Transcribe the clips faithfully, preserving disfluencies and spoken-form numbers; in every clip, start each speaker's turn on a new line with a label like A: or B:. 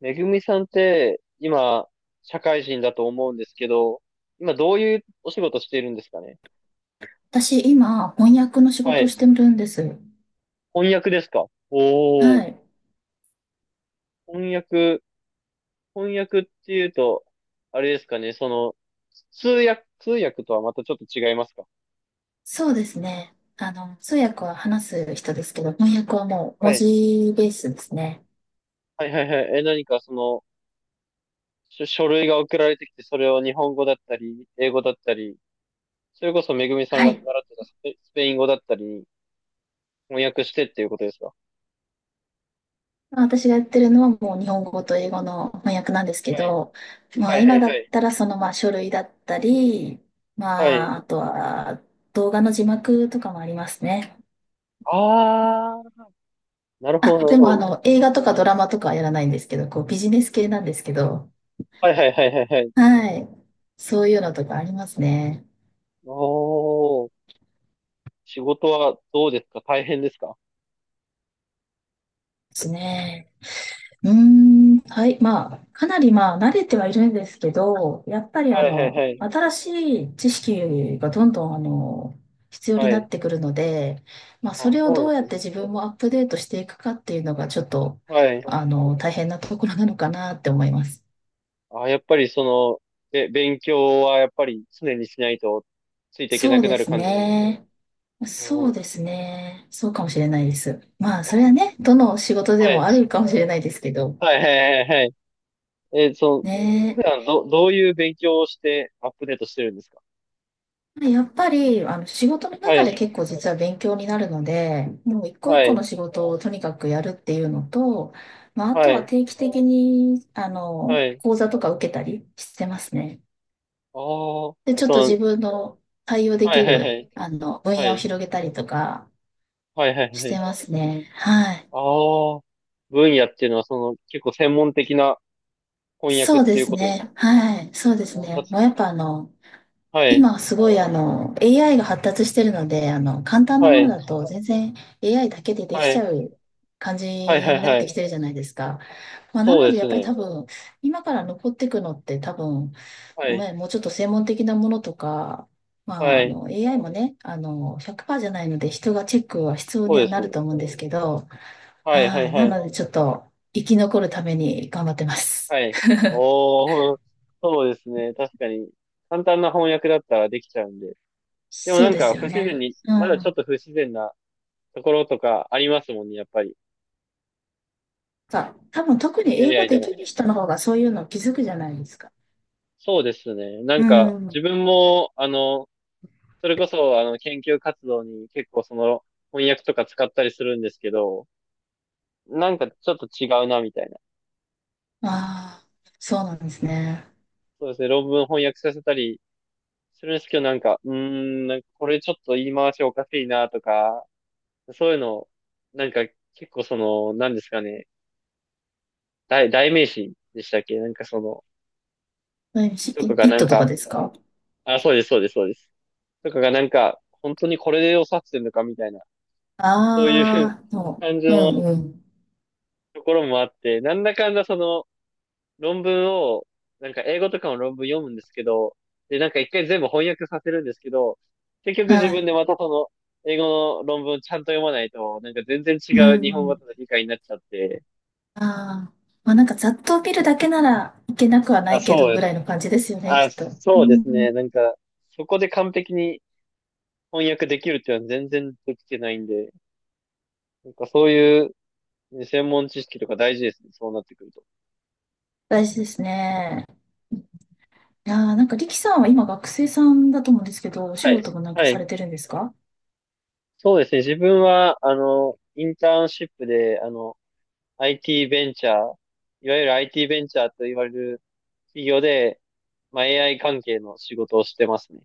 A: めぐみさんって、今、社会人だと思うんですけど、今どういうお仕事しているんですかね？
B: 私、今、翻訳の仕
A: は
B: 事をし
A: い。
B: てるんです。
A: 翻訳ですか？おおー。
B: はい。
A: 翻訳、翻訳っていうと、あれですかね、その、通訳、通訳とはまたちょっと違いますか？
B: そうですね。あの、通訳は話す人ですけど、翻訳はもう文
A: はい。
B: 字ベースですね。
A: はいはいはい。え、何かその、書、書類が送られてきて、それを日本語だったり、英語だったり、それこそめぐみさん
B: は
A: が習
B: い。
A: ってたスペ、スペイン語だったり、翻訳してっていうことですか？
B: 私がやってるのはもう日本語と英語の翻訳なんですけ
A: はい。
B: ど、ま
A: は
B: あ
A: い
B: 今だ
A: は
B: っ
A: い
B: たらそのまあ書類だったり、
A: はい。はい。
B: まああとは動画の字幕とかもありますね。
A: あ、なるほど、
B: あ、
A: なる
B: で
A: ほ
B: もあ
A: ど。
B: の映画とかドラマとかはやらないんですけど、こうビジネス系なんですけど、
A: はいはいはいはいはい。
B: はい。そういうのとかありますね。
A: おー、仕事はどうですか？大変ですか？
B: ですね。うーん、はい、まあ、かなりまあ、慣れてはいるんですけど、やっぱりあ
A: はいはいは
B: の、
A: い。
B: 新しい知識がどんどんあの、必要に
A: は
B: な
A: い。
B: ってくるので、まあ、そ
A: あ、
B: れを
A: そうな
B: ど
A: んで
B: うや
A: す
B: って
A: ね。
B: 自分もアップデートしていくかっていうのが、ちょっと、
A: はい。
B: あの、大変なところなのかなって思います。
A: あ、やっぱりその、え、勉強はやっぱり常にしないとついていけ
B: そ
A: な
B: う
A: くな
B: で
A: る
B: す
A: 感じなんですか？
B: ね。そ
A: お
B: う
A: ー。
B: ですね。そうかもしれないです。まあ、それはね、どの仕事で
A: は
B: も
A: い。
B: あるかもしれないですけど、
A: はいはいはいはい。え、その、普
B: ね、
A: 段ど、どういう勉強をしてアップデートしてるんですか？
B: やっぱり、あの、仕事の
A: は
B: 中で
A: い。
B: 結構実は勉強になるので、もう一個一
A: は
B: 個の
A: い。
B: 仕事をとにかくやるっていうのと、まあ、あ
A: は
B: とは
A: い。
B: 定期的に、あ
A: は
B: の、
A: い。
B: 講座とか受けたりしてますね。
A: あ
B: で、
A: あ、
B: ちょっと
A: その、
B: 自分の対応で
A: は
B: き
A: いはいは
B: る、
A: い。
B: あの、分
A: は
B: 野を
A: い。
B: 広げたりとか
A: はいはい
B: し
A: は
B: て
A: い。
B: ますね。はい。
A: ああ、分野っていうのは、その、結構専門的な翻訳っ
B: そう
A: て
B: で
A: いう
B: す
A: ことですか？
B: ね。はい。そうで
A: あ
B: す
A: ーた
B: ね。
A: つ、
B: もうやっぱあの、
A: はい、
B: 今すごいあの エーアイ が発達してるので、あの簡単な
A: は
B: もの
A: い、
B: だと全然 エーアイ だけでで
A: は
B: きちゃ
A: い、
B: う感じ
A: はい、はい、
B: になっ
A: は
B: てき
A: い。
B: てるじゃないですか。まあ、な
A: そう
B: の
A: で
B: でやっ
A: す
B: ぱり多
A: ね。
B: 分今から残っていくのって多分、
A: はい、
B: ね、もうちょっと専門的なものとか、まあ、
A: は
B: あ
A: い、
B: の エーアイ もね、あのひゃくパーセントじゃないので人がチェックは必要
A: そ
B: に
A: う
B: は
A: で
B: な
A: す
B: る
A: ね。
B: と思うんですけど、
A: はい、は
B: は
A: い、
B: い、な
A: はい、
B: のでちょっと生き残るために頑張ってます。
A: はい。おー、そうですね。確かに、簡単な翻訳だったらできちゃうんで。でも
B: そ
A: な
B: う
A: ん
B: です
A: か、不
B: よ
A: 自然
B: ね。
A: に、
B: う
A: まだちょっ
B: ん。
A: と不自然なところとかありますもんね、やっぱり。
B: さ、多分特に英語
A: エーアイ
B: で
A: でも。
B: きる人の方がそういうの気づくじゃないですか。
A: そうですね。なん
B: う
A: か、
B: ん。
A: 自分も、あの、それこそ、あの、研究活動に結構その翻訳とか使ったりするんですけど、なんかちょっと違うな、みたいな。
B: ああ、そうなんですね。
A: そうですね、論文翻訳させたりするんですけど、なんか、うーん、なんかこれちょっと言い回しおかしいな、とか、そういうの、なんか結構その、なんですかね、代、代名詞でしたっけ、なんかその、
B: えし
A: と
B: イ
A: かが
B: イッ
A: なん
B: トとか
A: か、
B: ですか？
A: あ、そうです、そうです、そうです。とかがなんか、本当にこれで良さってんのか、みたいな、そういう
B: ああー、そ
A: 感じ
B: う。うん
A: の
B: うん。
A: ところもあって、なんだかんだその、論文を、なんか英語とかの論文読むんですけど、で、なんか一回全部翻訳させるんですけど、結局自
B: は
A: 分でま
B: い。
A: たその、英語の論文ちゃんと読まないと、なんか全然違
B: うん
A: う日
B: う
A: 本語
B: ん。
A: との理解になっちゃって、
B: ああ。まあなんかざっと見るだけならいけなくはな
A: あ、
B: いけ
A: そ
B: ど
A: うで
B: ぐ
A: す。
B: らいの感じですよね、き
A: あ、
B: っと。う
A: そうです
B: ん。
A: ね。なんか、そこで完璧に翻訳できるっていうのは全然できてないんで、なんかそういう専門知識とか大事ですね。そうなってくると。
B: 大事ですね。いやー、なんかリキさんは今学生さんだと思うんですけど、お仕
A: はい。
B: 事もなんか
A: は
B: さ
A: い。
B: れてるんですか？
A: そうですね。自分は、あの、インターンシップで、あの、アイティー ベンチャー、いわゆる アイティー ベンチャーと言われる企業で、まあ、エーアイ 関係の仕事をしてますね。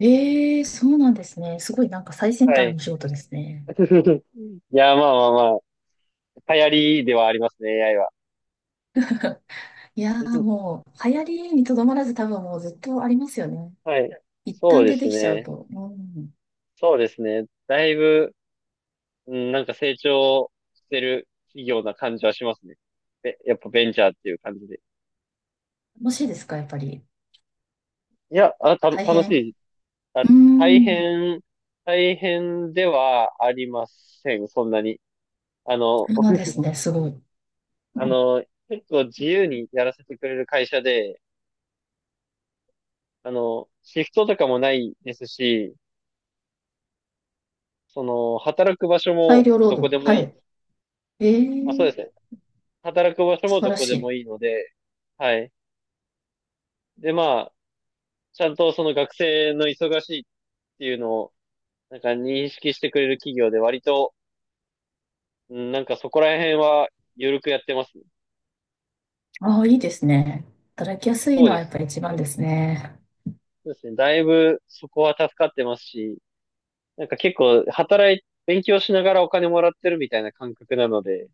B: ええー、そうなんですね。すごいなんか最先
A: は
B: 端
A: い。
B: のお仕事ですね。
A: いや、まあまあまあ、流行りではありますね、エーアイ は。
B: いやー もう、流行りにとどまらず多分もうずっとありますよね。
A: はい。
B: 一
A: そう
B: 旦
A: で
B: 出て
A: す
B: きちゃう
A: ね。
B: と。うん。
A: そうですね。だいぶ、うん、なんか成長してる企業な感じはしますね。で、やっぱベンチャーっていう感じで。
B: 楽しいですか、やっぱり。
A: いや、あ、た、
B: 大
A: 楽し
B: 変。
A: い。
B: う
A: あ、
B: ー
A: 大
B: ん。
A: 変、大変ではありません、そんなに。あの、
B: そうなんですね、すごい。
A: あの、結構自由にやらせてくれる会社で、あの、シフトとかもないですし、その、働く場所
B: 大
A: も
B: 量労
A: どこで
B: 働。
A: も
B: は
A: いい。
B: い。え
A: あ、そうで
B: ー、
A: すね。働く場所
B: 素
A: も
B: 晴
A: ど
B: ら
A: こ
B: し
A: でも
B: い。
A: いいので、はい。で、まあ、ちゃんとその学生の忙しいっていうのを、なんか認識してくれる企業で割と、うん、なんかそこら辺は緩くやってますね。
B: ああ、いいですね。働きやすい
A: そう
B: の
A: で
B: はやっ
A: す
B: ぱり
A: ね。
B: 一番ですね。
A: そうですね。だいぶそこは助かってますし、なんか結構働い、勉強しながらお金もらってるみたいな感覚なので、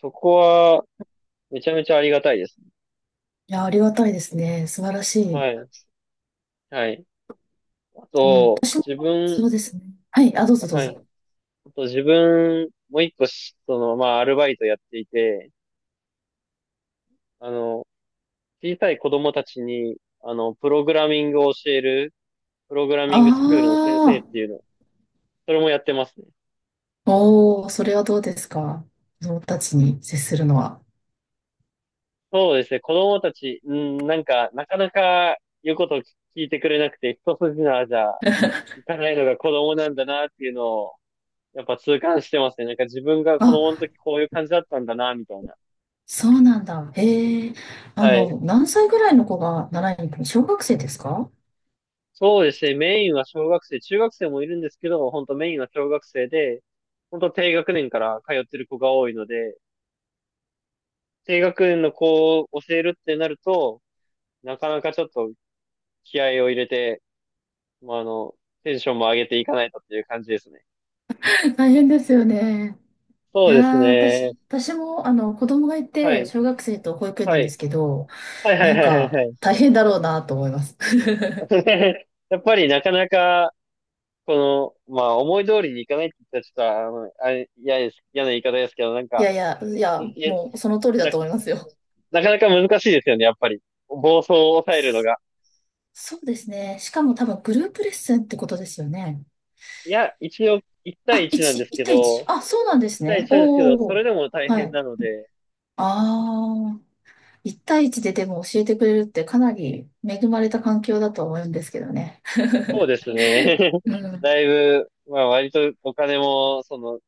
A: そこは、めちゃめちゃありがたいですね。
B: いやー、ありがたいですね。素晴らしい。
A: はい。はい。あ
B: うん。
A: と、
B: 私も、
A: 自分、
B: そうですね。はい。あ、どうぞどう
A: はい。
B: ぞ。
A: あと自分、もう一個し、その、まあ、アルバイトやっていて、あの、小さい子供たちに、あの、プログラミングを教える、プログラ
B: あ
A: ミングスクールの先生っ
B: あ、
A: ていうの、それもやってますね。
B: おー、それはどうですか。子供たちに接するのは。
A: そうですね、子供たち、うん、なんか、なかなか言うことを聞いてくれなくて、一筋縄じゃいかないのが子供なんだなっていうのを、やっぱ痛感してますね。なんか自分が子供
B: あ、
A: の時こういう感じだったんだな、みたいな。
B: そうなんだ。へえ。あ
A: はい。
B: の、何歳ぐらいの子が習いに行くの？小学生ですか？
A: そうですね。メインは小学生、中学生もいるんですけど、本当メインは小学生で、本当低学年から通ってる子が多いので、低学年の子を教えるってなると、なかなかちょっと気合を入れて、まあ、あの、テンションも上げていかないとっていう感じですね。
B: 大変ですよね。
A: そ
B: い
A: う
B: や
A: です
B: ー、私、
A: ね。
B: 私も、あの、子供がい
A: は
B: て、
A: い。
B: 小学生と保育園
A: は
B: なんで
A: い。
B: すけど、
A: はいは
B: な
A: い
B: ん
A: はいはい
B: か、
A: はい。
B: 大変だろうなと思います。
A: やっぱりなかなかこの、まあ、思い通りにいかないって言ったら、ちょっと、あの、あれ、嫌です、嫌な言い方ですけど、なん
B: い
A: か、
B: やいや、い
A: い
B: や、
A: い
B: もう、その通りだ
A: な、
B: と思いますよ。
A: なかなか難しいですよね、やっぱり。暴走を抑えるのが。
B: そうですね。しかも多分グループレッスンってことですよね。
A: いや、一応、いち対
B: あ、
A: いちなん
B: 1、
A: です
B: いち
A: け
B: 対いち。
A: ど、
B: あ、そうなんで
A: いち
B: す
A: 対
B: ね。
A: いちなんですけど、そ
B: お
A: れ
B: ー。
A: でも大
B: は
A: 変
B: い。
A: なので、
B: ああ。いちたいいちででも教えてくれるってかなり恵まれた環境だと思うんですけどね。
A: そうですね。
B: うん。
A: だいぶ、まあ、割とお金も、その、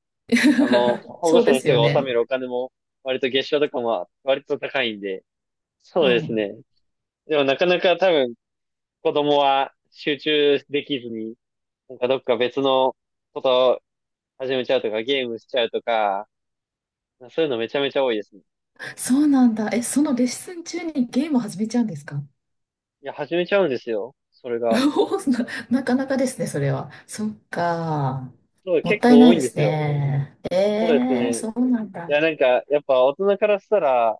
A: あの、保護
B: そう
A: 者
B: で
A: の
B: す
A: 人
B: よ
A: が納め
B: ね。
A: るお金も、割と月賞とかも割と高いんで、そ
B: う
A: うです
B: ん。
A: ね。でもなかなか多分子供は集中できずに、なんかどっか別のこと始めちゃうとか、ゲームしちゃうとか、そういうのめちゃめちゃ多いですね。
B: そうなんだ。え、そのレッスン中にゲームを始めちゃうんですか？
A: いや、始めちゃうんですよ。それが。
B: な、なかなかですね、それは。そっか。
A: そう、
B: もっ
A: 結
B: たい
A: 構
B: な
A: 多
B: い
A: い
B: で
A: んで
B: す
A: すよ。
B: ね。
A: そうです
B: えー、
A: ね。い
B: そうなんだ。
A: や、なんか、やっぱ大人からしたら、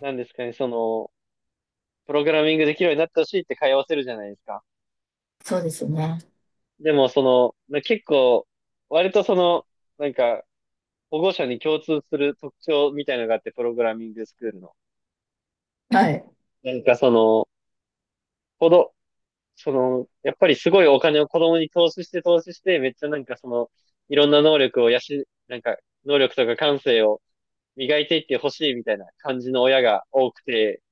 A: なんですかね、その、プログラミングできるようになってほしいって通わせるじゃないですか。
B: そうですよね。
A: でも、その、な結構、割とその、なんか、保護者に共通する特徴みたいなのがあって、プログラミングスクールの。
B: はい。
A: なんかその、子供その、やっぱりすごいお金を子供に投資して投資して、めっちゃなんかその、いろんな能力を養、なんか、能力とか感性を磨いていってほしいみたいな感じの親が多くて、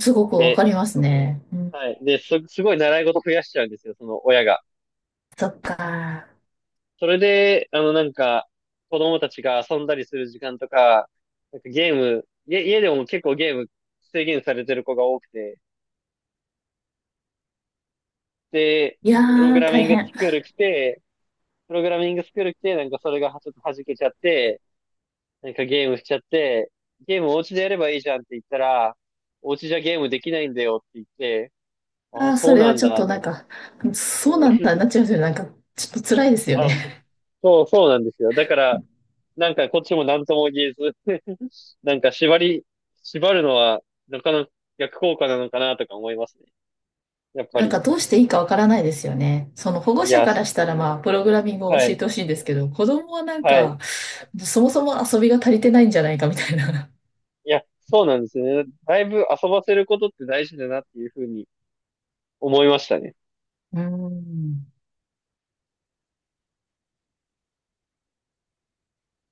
B: すごくわか
A: で、
B: りますね。うん。
A: はい。で、す、すごい習い事増やしちゃうんですよ、その親が。
B: そっか。
A: それで、あの、なんか、子供たちが遊んだりする時間とか、なんかゲーム、家、家でも結構ゲーム制限されてる子が多くて、で、
B: いや
A: プログ
B: ー、
A: ラ
B: 大
A: ミング
B: 変。
A: スクール来て、プログラミングスクール来て、なんかそれがはちょっと弾けちゃって、なんかゲームしちゃって、ゲームお家でやればいいじゃんって言ったら、お家じゃゲームできないんだよって言って、あ
B: あ
A: あ、
B: あ、そ
A: そう
B: れ
A: な
B: は
A: ん
B: ちょっ
A: だ
B: と
A: っ
B: なんか、そうなん
A: て。
B: だ、なっちゃいますよね。なんか、ちょっと辛いですよ
A: あ、そ、
B: ね。
A: そう、そうなんですよ。だから、なんかこっちも何とも言えず、 なんか縛り、縛るのは、なかなか逆効果なのかなとか思いますね。やっ ぱ
B: なん
A: り。
B: か、どうしていいかわからないですよね。その保護
A: い
B: 者
A: や、
B: か
A: す、
B: らしたら、まあ、プログラミングを
A: は
B: 教え
A: い、
B: てほしいんですけど、子供はなん
A: はい。
B: か、そもそも遊びが足りてないんじゃないかみたいな。
A: いや、そうなんですよね。だいぶ遊ばせることって大事だなっていうふうに思いましたね。
B: うん。